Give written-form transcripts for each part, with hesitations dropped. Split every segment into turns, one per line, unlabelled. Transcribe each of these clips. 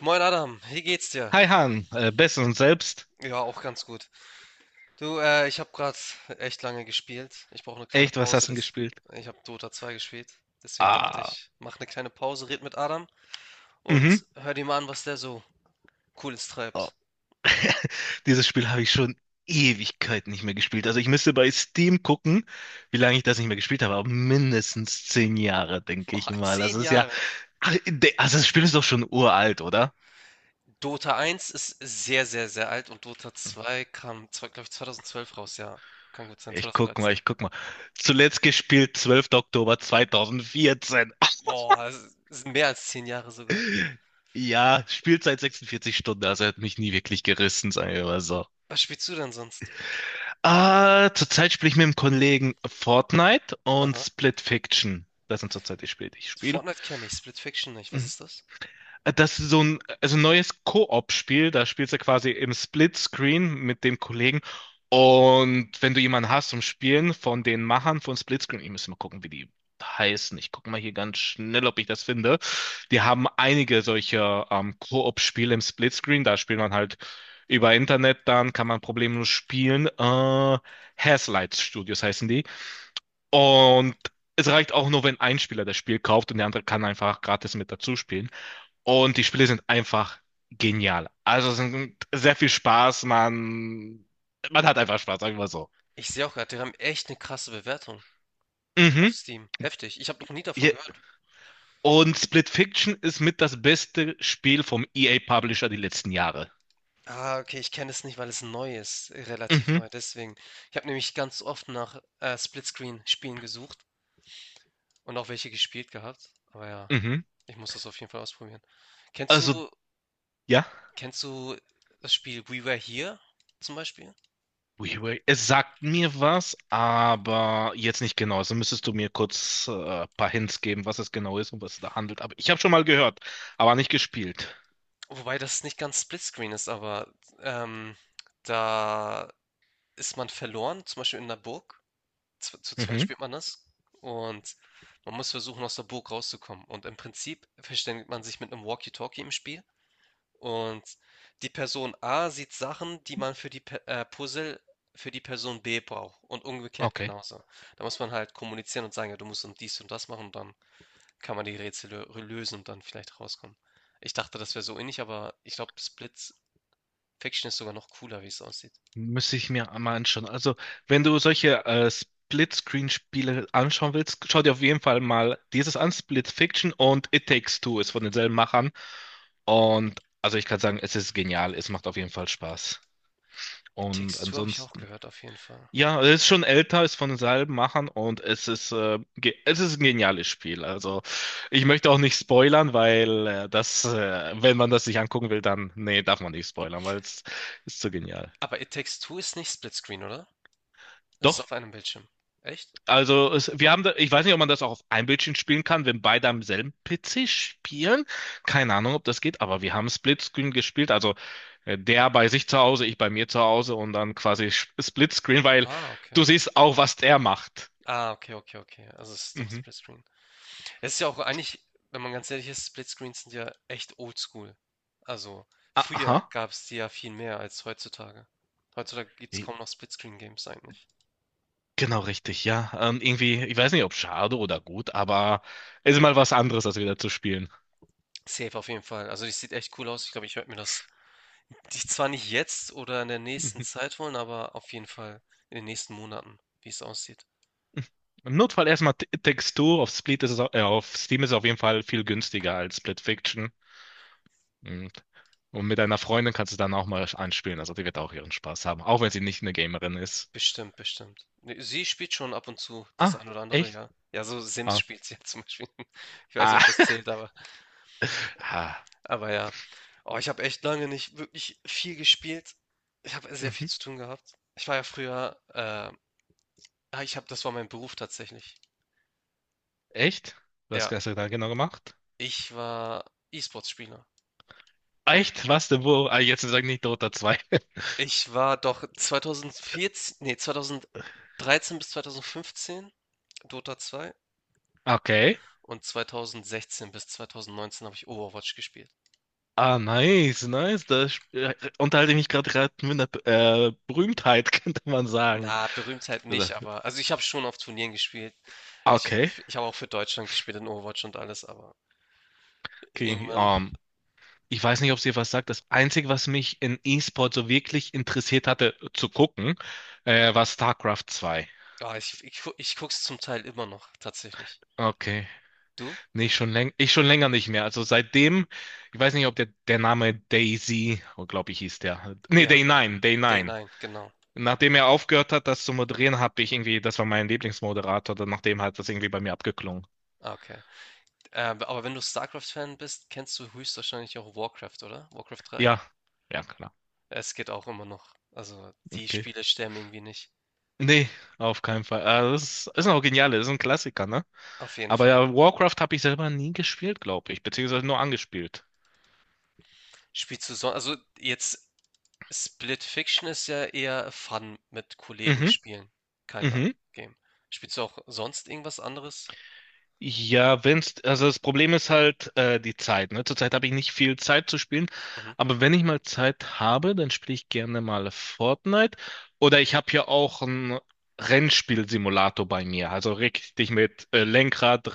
Moin Adam, wie geht's dir?
Hi Han, Best und selbst.
Ja, auch ganz gut. Du, ich habe gerade echt lange gespielt. Ich brauche eine kleine
Echt, was
Pause.
hast du denn
Das,
gespielt?
Ich habe Dota 2 gespielt. Deswegen dachte
Ah,
ich, mach eine kleine Pause, red mit Adam
mhm.
und hör dir mal an, was der so Cooles
Oh,
treibt.
dieses Spiel habe ich schon Ewigkeiten nicht mehr gespielt. Also ich müsste bei Steam gucken, wie lange ich das nicht mehr gespielt habe, aber mindestens 10 Jahre, denke ich
Boah,
mal.
zehn
Also es ist ja.
Jahre.
Ach, also das Spiel ist doch schon uralt, oder?
Dota 1 ist sehr, sehr, sehr alt und Dota 2 kam, glaube ich, 2012 raus, ja. Kann gut sein,
Ich guck mal,
2013.
ich guck mal. Zuletzt gespielt, 12. Oktober 2014.
Boah, das ist mehr als 10 Jahre sogar.
Ja, Spielzeit 46 Stunden, also er hat mich nie wirklich gerissen, sagen wir mal so.
Was spielst du denn sonst?
Ah, zurzeit spiele ich mit einem Kollegen Fortnite und
Aha.
Split Fiction. Das sind zurzeit die Spiele, die ich spiele.
Fortnite kenne ich, Split Fiction nicht. Was
Mhm.
ist das?
Das ist so ein, also ein neues Koop-Spiel, da spielst du quasi im Splitscreen mit dem Kollegen. Und wenn du jemanden hast zum Spielen von den Machern von Splitscreen, ich muss mal gucken, wie die heißen. Ich gucke mal hier ganz schnell, ob ich das finde. Die haben einige solcher Koop-Spiele im Splitscreen. Da spielt man halt über Internet, dann kann man problemlos spielen. Hazelight Studios heißen die. Und es reicht auch nur, wenn ein Spieler das Spiel kauft und der andere kann einfach gratis mit dazu spielen. Und die Spiele sind einfach genial. Also es sind sehr viel Spaß, man hat einfach Spaß, sagen wir mal so.
Ich sehe auch gerade, die haben echt eine krasse Bewertung auf
Mhm.
Steam. Heftig. Ich habe noch nie davon
Je-
gehört.
Und Split Fiction ist mit das beste Spiel vom EA Publisher die letzten Jahre.
Ah, okay, ich kenne es nicht, weil es neu ist, relativ
Mhm.
neu, deswegen. Ich habe nämlich ganz oft nach, Splitscreen-Spielen gesucht und auch welche gespielt gehabt, aber ja,
Mhm.
ich muss das auf jeden Fall ausprobieren. Kennst
Also,
du
ja.
Kennst du das Spiel We Were Here zum Beispiel?
WiiWare, es sagt mir was, aber jetzt nicht genau. Also müsstest du mir kurz ein paar Hints geben, was es genau ist und was es da handelt. Aber ich habe schon mal gehört, aber nicht gespielt.
Wobei das nicht ganz Splitscreen ist, aber ähm, da ist man verloren, zum Beispiel in 'ner Burg. Zu zweit
Mhm.
spielt man das und man muss versuchen, aus der Burg rauszukommen. Und im Prinzip verständigt man sich mit einem Walkie-Talkie im Spiel und die Person A sieht Sachen, die man für die Puzzle für die Person B braucht und umgekehrt
Okay.
genauso. Da muss man halt kommunizieren und sagen, ja, du musst und dies und das machen und dann kann man die Rätsel lösen und dann vielleicht rauskommen. Ich dachte, das wäre so ähnlich, aber ich glaube, Split Fiction ist sogar noch cooler, wie es aussieht.
Müsste ich mir mal anschauen. Also, wenn du solche Split-Screen-Spiele anschauen willst, schau dir auf jeden Fall mal dieses an, Split Fiction und It Takes Two ist von denselben Machern. Und also ich kann sagen, es ist genial, es macht auf jeden Fall Spaß.
It
Und
Takes Two habe ich auch
ansonsten,
gehört, auf jeden Fall.
ja, es ist schon älter, ist von denselben Machern und es ist, es ist ein geniales Spiel. Also ich möchte auch nicht spoilern, weil wenn man das sich angucken will, dann, nee, darf man nicht spoilern, weil es ist zu genial.
Aber It Takes Two ist nicht Split Screen, oder? Es ist
Doch?
auf einem Bildschirm. Echt?
Also wir haben da, ich weiß nicht, ob man das auch auf einem Bildschirm spielen kann, wenn beide am selben PC spielen. Keine Ahnung, ob das geht, aber wir haben Splitscreen gespielt. Also der bei sich zu Hause, ich bei mir zu Hause und dann quasi Splitscreen, weil
Ah,
du
okay.
siehst auch, was der macht.
Ah, okay, okay, okay. Also es ist doch
Mhm.
Splitscreen. Es ist ja auch eigentlich, wenn man ganz ehrlich ist, Splitscreens sind ja echt oldschool. Also früher
Aha.
gab es die ja viel mehr als heutzutage. Heutzutage gibt es kaum noch Splitscreen-Games eigentlich.
Genau richtig, ja. Irgendwie, ich weiß nicht, ob schade oder gut, aber es ist mal was anderes, als wieder zu spielen.
Safe auf jeden Fall. Also das sieht echt cool aus. Ich glaube, ich werde mir das zwar nicht jetzt oder in der nächsten
Mhm.
Zeit holen, aber auf jeden Fall in den nächsten Monaten, wie es aussieht.
Im Notfall erstmal Textur. Auf Steam ist es auf jeden Fall viel günstiger als Split Fiction. Mhm. Und mit deiner Freundin kannst du dann auch mal anspielen. Also die wird auch ihren Spaß haben, auch wenn sie nicht eine Gamerin ist.
Bestimmt, bestimmt. Ne, sie spielt schon ab und zu das ein
Ah,
oder andere,
echt?
ja. Ja, so Sims
Ah,
spielt sie ja zum Beispiel. Ich weiß nicht,
ah.
ob das zählt,
Ah.
aber ja. Oh, ich habe echt lange nicht wirklich viel gespielt. Ich habe sehr viel
Mhm.
zu tun gehabt. Ich war ja früher, ich habe, das war mein Beruf tatsächlich.
Echt? Was
Ja,
hast du da genau gemacht?
ich war E-Sports-Spieler.
Echt? Was denn wo? Ah, jetzt sag nicht Dota 2.
Ich war doch 2014, nee, 2013 bis 2015 Dota 2
Okay.
und 2016 bis 2019 habe ich Overwatch gespielt.
Ah, nice, nice. Unterhalte ich mich gerade mit einer Berühmtheit, könnte man sagen.
Na, Berühmtheit nicht, aber also ich habe schon auf Turnieren gespielt. Ich,
Okay.
ich habe auch für Deutschland gespielt in Overwatch und alles, aber
Okay.
irgendwann,
Ich weiß nicht, ob es dir was sagt. Das Einzige, was mich in E-Sport so wirklich interessiert hatte zu gucken, war StarCraft 2.
ich guck's zum Teil immer noch, tatsächlich.
Okay.
Du?
Nee, schon läng ich schon länger nicht mehr. Also seitdem, ich weiß nicht, ob der Name Daisy, oh, glaube ich, hieß der. Nee,
Ja,
Day9,
Day
Day9.
9, genau.
Nachdem er aufgehört hat, das zu moderieren, habe ich irgendwie, das war mein Lieblingsmoderator, dann nachdem hat das irgendwie bei mir abgeklungen.
Ah, okay. Aber wenn du StarCraft-Fan bist, kennst du höchstwahrscheinlich auch Warcraft, oder? Warcraft 3?
Ja, ja, klar.
Es geht auch immer noch. Also die
Okay.
Spiele sterben irgendwie nicht.
Nee, auf keinen Fall. Ah, das ist auch genial, das ist ein Klassiker, ne?
Auf jeden
Aber
Fall.
ja, Warcraft habe ich selber nie gespielt, glaube ich, beziehungsweise nur angespielt.
Spielst du sonst also jetzt Split Fiction ist ja eher Fun mit Kollegen
Mhm,
spielen, Kinder
mhm.
Game. Spielst du auch sonst irgendwas anderes?
Ja, also das Problem ist halt die Zeit, ne? Zurzeit habe ich nicht viel Zeit zu spielen,
Mhm.
aber wenn ich mal Zeit habe, dann spiele ich gerne mal Fortnite. Oder ich habe ja auch einen Rennspielsimulator bei mir, also richtig mit Lenkrad,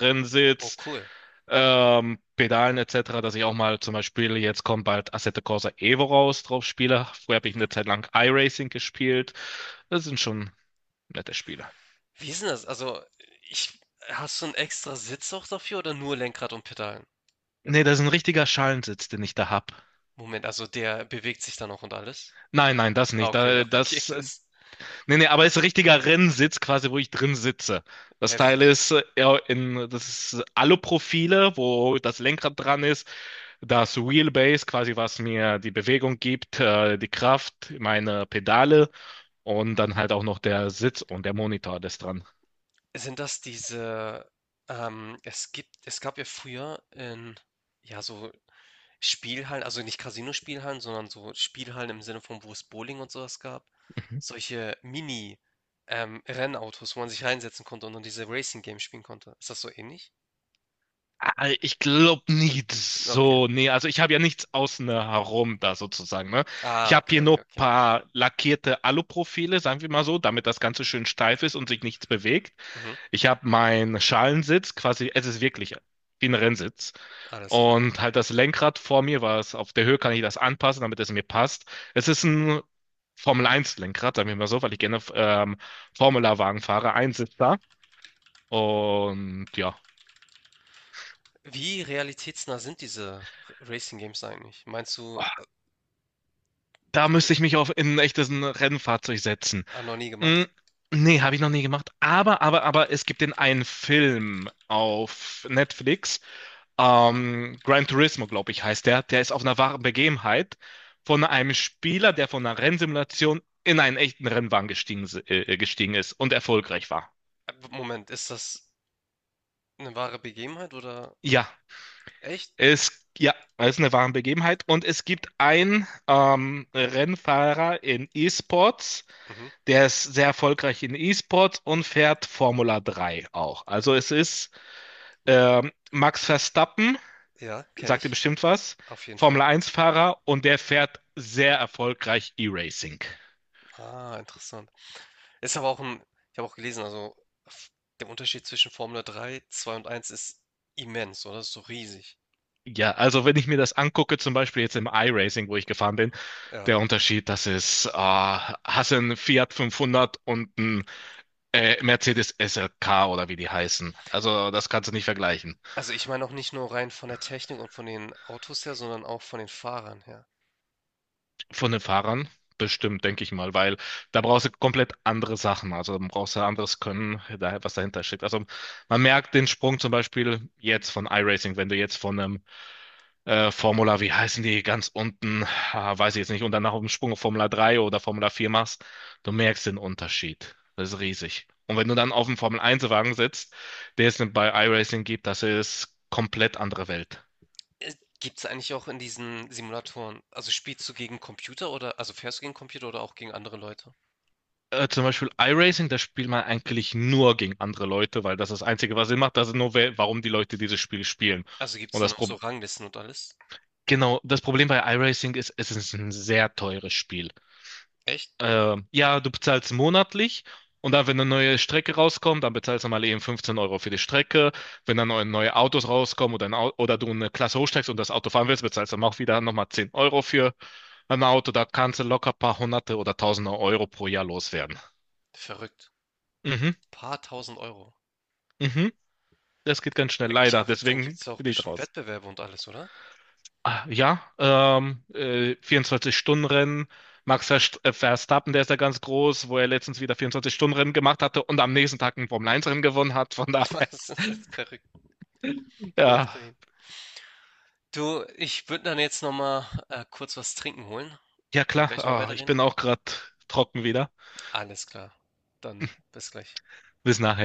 Oh,
Rennsitz,
cool.
Pedalen etc., dass ich auch mal zum Beispiel, jetzt kommt bald Assetto Corsa Evo raus, drauf spiele. Früher habe ich
Mhm.
eine Zeit lang iRacing gespielt. Das sind schon nette Spiele.
Wie ist denn das? Also, ich hast du 'n extra Sitz auch dafür oder nur Lenkrad und Pedalen?
Nee, das ist ein richtiger Schalensitz, den ich da hab.
Moment, also der bewegt sich dann auch und alles?
Nein, nein, das
Ah,
nicht.
okay, okay, das ist
Nee, nee, aber es ist ein richtiger Rennsitz quasi, wo ich drin sitze. Das Teil
heftig.
ist ja, in, das ist Aluprofile, wo das Lenkrad dran ist, das Wheelbase quasi, was mir die Bewegung gibt, die Kraft, meine Pedale und dann halt auch noch der Sitz und der Monitor, das dran.
Sind das diese es gibt es gab ja früher in, ja, so Spielhallen, also nicht Casino-Spielhallen, sondern so Spielhallen im Sinne von, wo es Bowling und sowas gab,
Mhm.
solche Mini, Rennautos, wo man sich reinsetzen konnte und dann diese Racing Games spielen konnte. Ist das so ähnlich?
Ah, ich glaube nicht
Okay.
so. Nee, also ich habe ja nichts außen herum da sozusagen, ne? Ich
Ah,
habe
okay,
hier nur
okay,
ein
okay.
paar lackierte Aluprofile, sagen wir mal so, damit das Ganze schön steif ist und sich nichts bewegt.
Mhm,
Ich habe meinen Schalensitz quasi, es ist wirklich wie ein Rennsitz.
alles klar.
Und halt das Lenkrad vor mir, was auf der Höhe kann ich das anpassen, damit es mir passt. Es ist ein Formel 1 Lenkrad, sagen wir mal so, weil ich gerne Formula-Wagen fahre, Einsitzer. Und ja.
Wie realitätsnah sind diese Racing Games eigentlich? Meinst du,
Da
k-
müsste ich mich auf in ein echtes Rennfahrzeug setzen.
noch nie
Hm,
gemacht?
nee, habe ich noch nie gemacht. Aber es gibt den einen Film auf Netflix. Gran Turismo, glaube ich, heißt der. Der ist auf einer wahren Begebenheit von einem Spieler, der von einer Rennsimulation in einen echten Rennwagen gestiegen ist und erfolgreich war.
Moment, ist das eine wahre Begebenheit oder
Ja,
echt?
ja, es ist eine wahre Begebenheit. Und es gibt einen Rennfahrer in E-Sports.
Mhm.
Der ist sehr erfolgreich in E-Sport und fährt Formula 3 auch. Also es ist Max Verstappen,
Ja, kenne
sagt ihr
ich.
bestimmt was,
Auf jeden Fall.
Formel 1-Fahrer und der fährt sehr erfolgreich E-Racing.
Ah, interessant. Ist aber auch ein, ich habe auch gelesen, also f- der Unterschied zwischen Formel 3, 2 und eins ist immens, oder? Ist so riesig.
Ja, also wenn ich mir das angucke, zum Beispiel jetzt im iRacing, wo ich gefahren bin,
Ja.
der Unterschied, das ist, hast du einen Fiat 500 und einen Mercedes SLK oder wie die heißen. Also das kannst du nicht vergleichen.
Also ich meine auch nicht nur rein von der Technik und von den Autos her, sondern auch von den Fahrern her.
Von den Fahrern bestimmt, denke ich mal, weil da brauchst du komplett andere Sachen. Also da brauchst du anderes Können, was dahinter steckt. Also man merkt den Sprung zum Beispiel jetzt von iRacing, wenn du jetzt von einem Formula, wie heißen die, ganz unten, ah, weiß ich jetzt nicht, und danach auf dem Sprung auf Formula 3 oder Formula 4 machst, du merkst den Unterschied. Das ist riesig. Und wenn du dann auf dem Formel 1-Wagen sitzt, der es bei iRacing gibt, das ist komplett andere Welt.
Gibt es eigentlich auch in diesen Simulatoren, also spielst du gegen Computer oder, also fährst du gegen Computer oder auch gegen andere Leute?
Zum Beispiel iRacing, da spielt man eigentlich nur gegen andere Leute, weil das das Einzige, was Sinn macht, das ist nur, warum die Leute dieses Spiel spielen.
Also gibt es
Und
dann
das
auch
Pro
so Ranglisten und alles?
genau, das Problem bei iRacing ist, es ist ein sehr teures Spiel.
Echt?
Ja, du bezahlst monatlich und dann, wenn eine neue Strecke rauskommt, dann bezahlst du mal eben 15 € für die Strecke. Wenn dann neue Autos rauskommen oder du eine Klasse hochsteigst und das Auto fahren willst, bezahlst du dann auch wieder nochmal 10 € für ein Auto. Da kannst du locker ein paar Hunderte oder Tausende Euro pro Jahr loswerden.
Verrückt.
Mhm,
Paar tausend Euro.
mhm. Das geht ganz schnell, leider.
Aber dann gibt
Deswegen
es auch
bin ich
bestimmt
raus.
Wettbewerbe und alles, oder?
Ah, ja, 24-Stunden-Rennen. Max Verstappen, der ist ja ganz groß, wo er letztens wieder 24-Stunden-Rennen gemacht hatte und am nächsten Tag ein Formel-1-Rennen gewonnen hat. Von daher,
Das ist jetzt verrückt.
ja,
Läuft dahin. Du, ich würde dann jetzt nochmal kurz was trinken holen.
ja
Wollen wir
klar,
gleich noch
ah, ich
weiterreden?
bin auch gerade trocken wieder.
Alles klar. Dann bis gleich.
Bis nachher.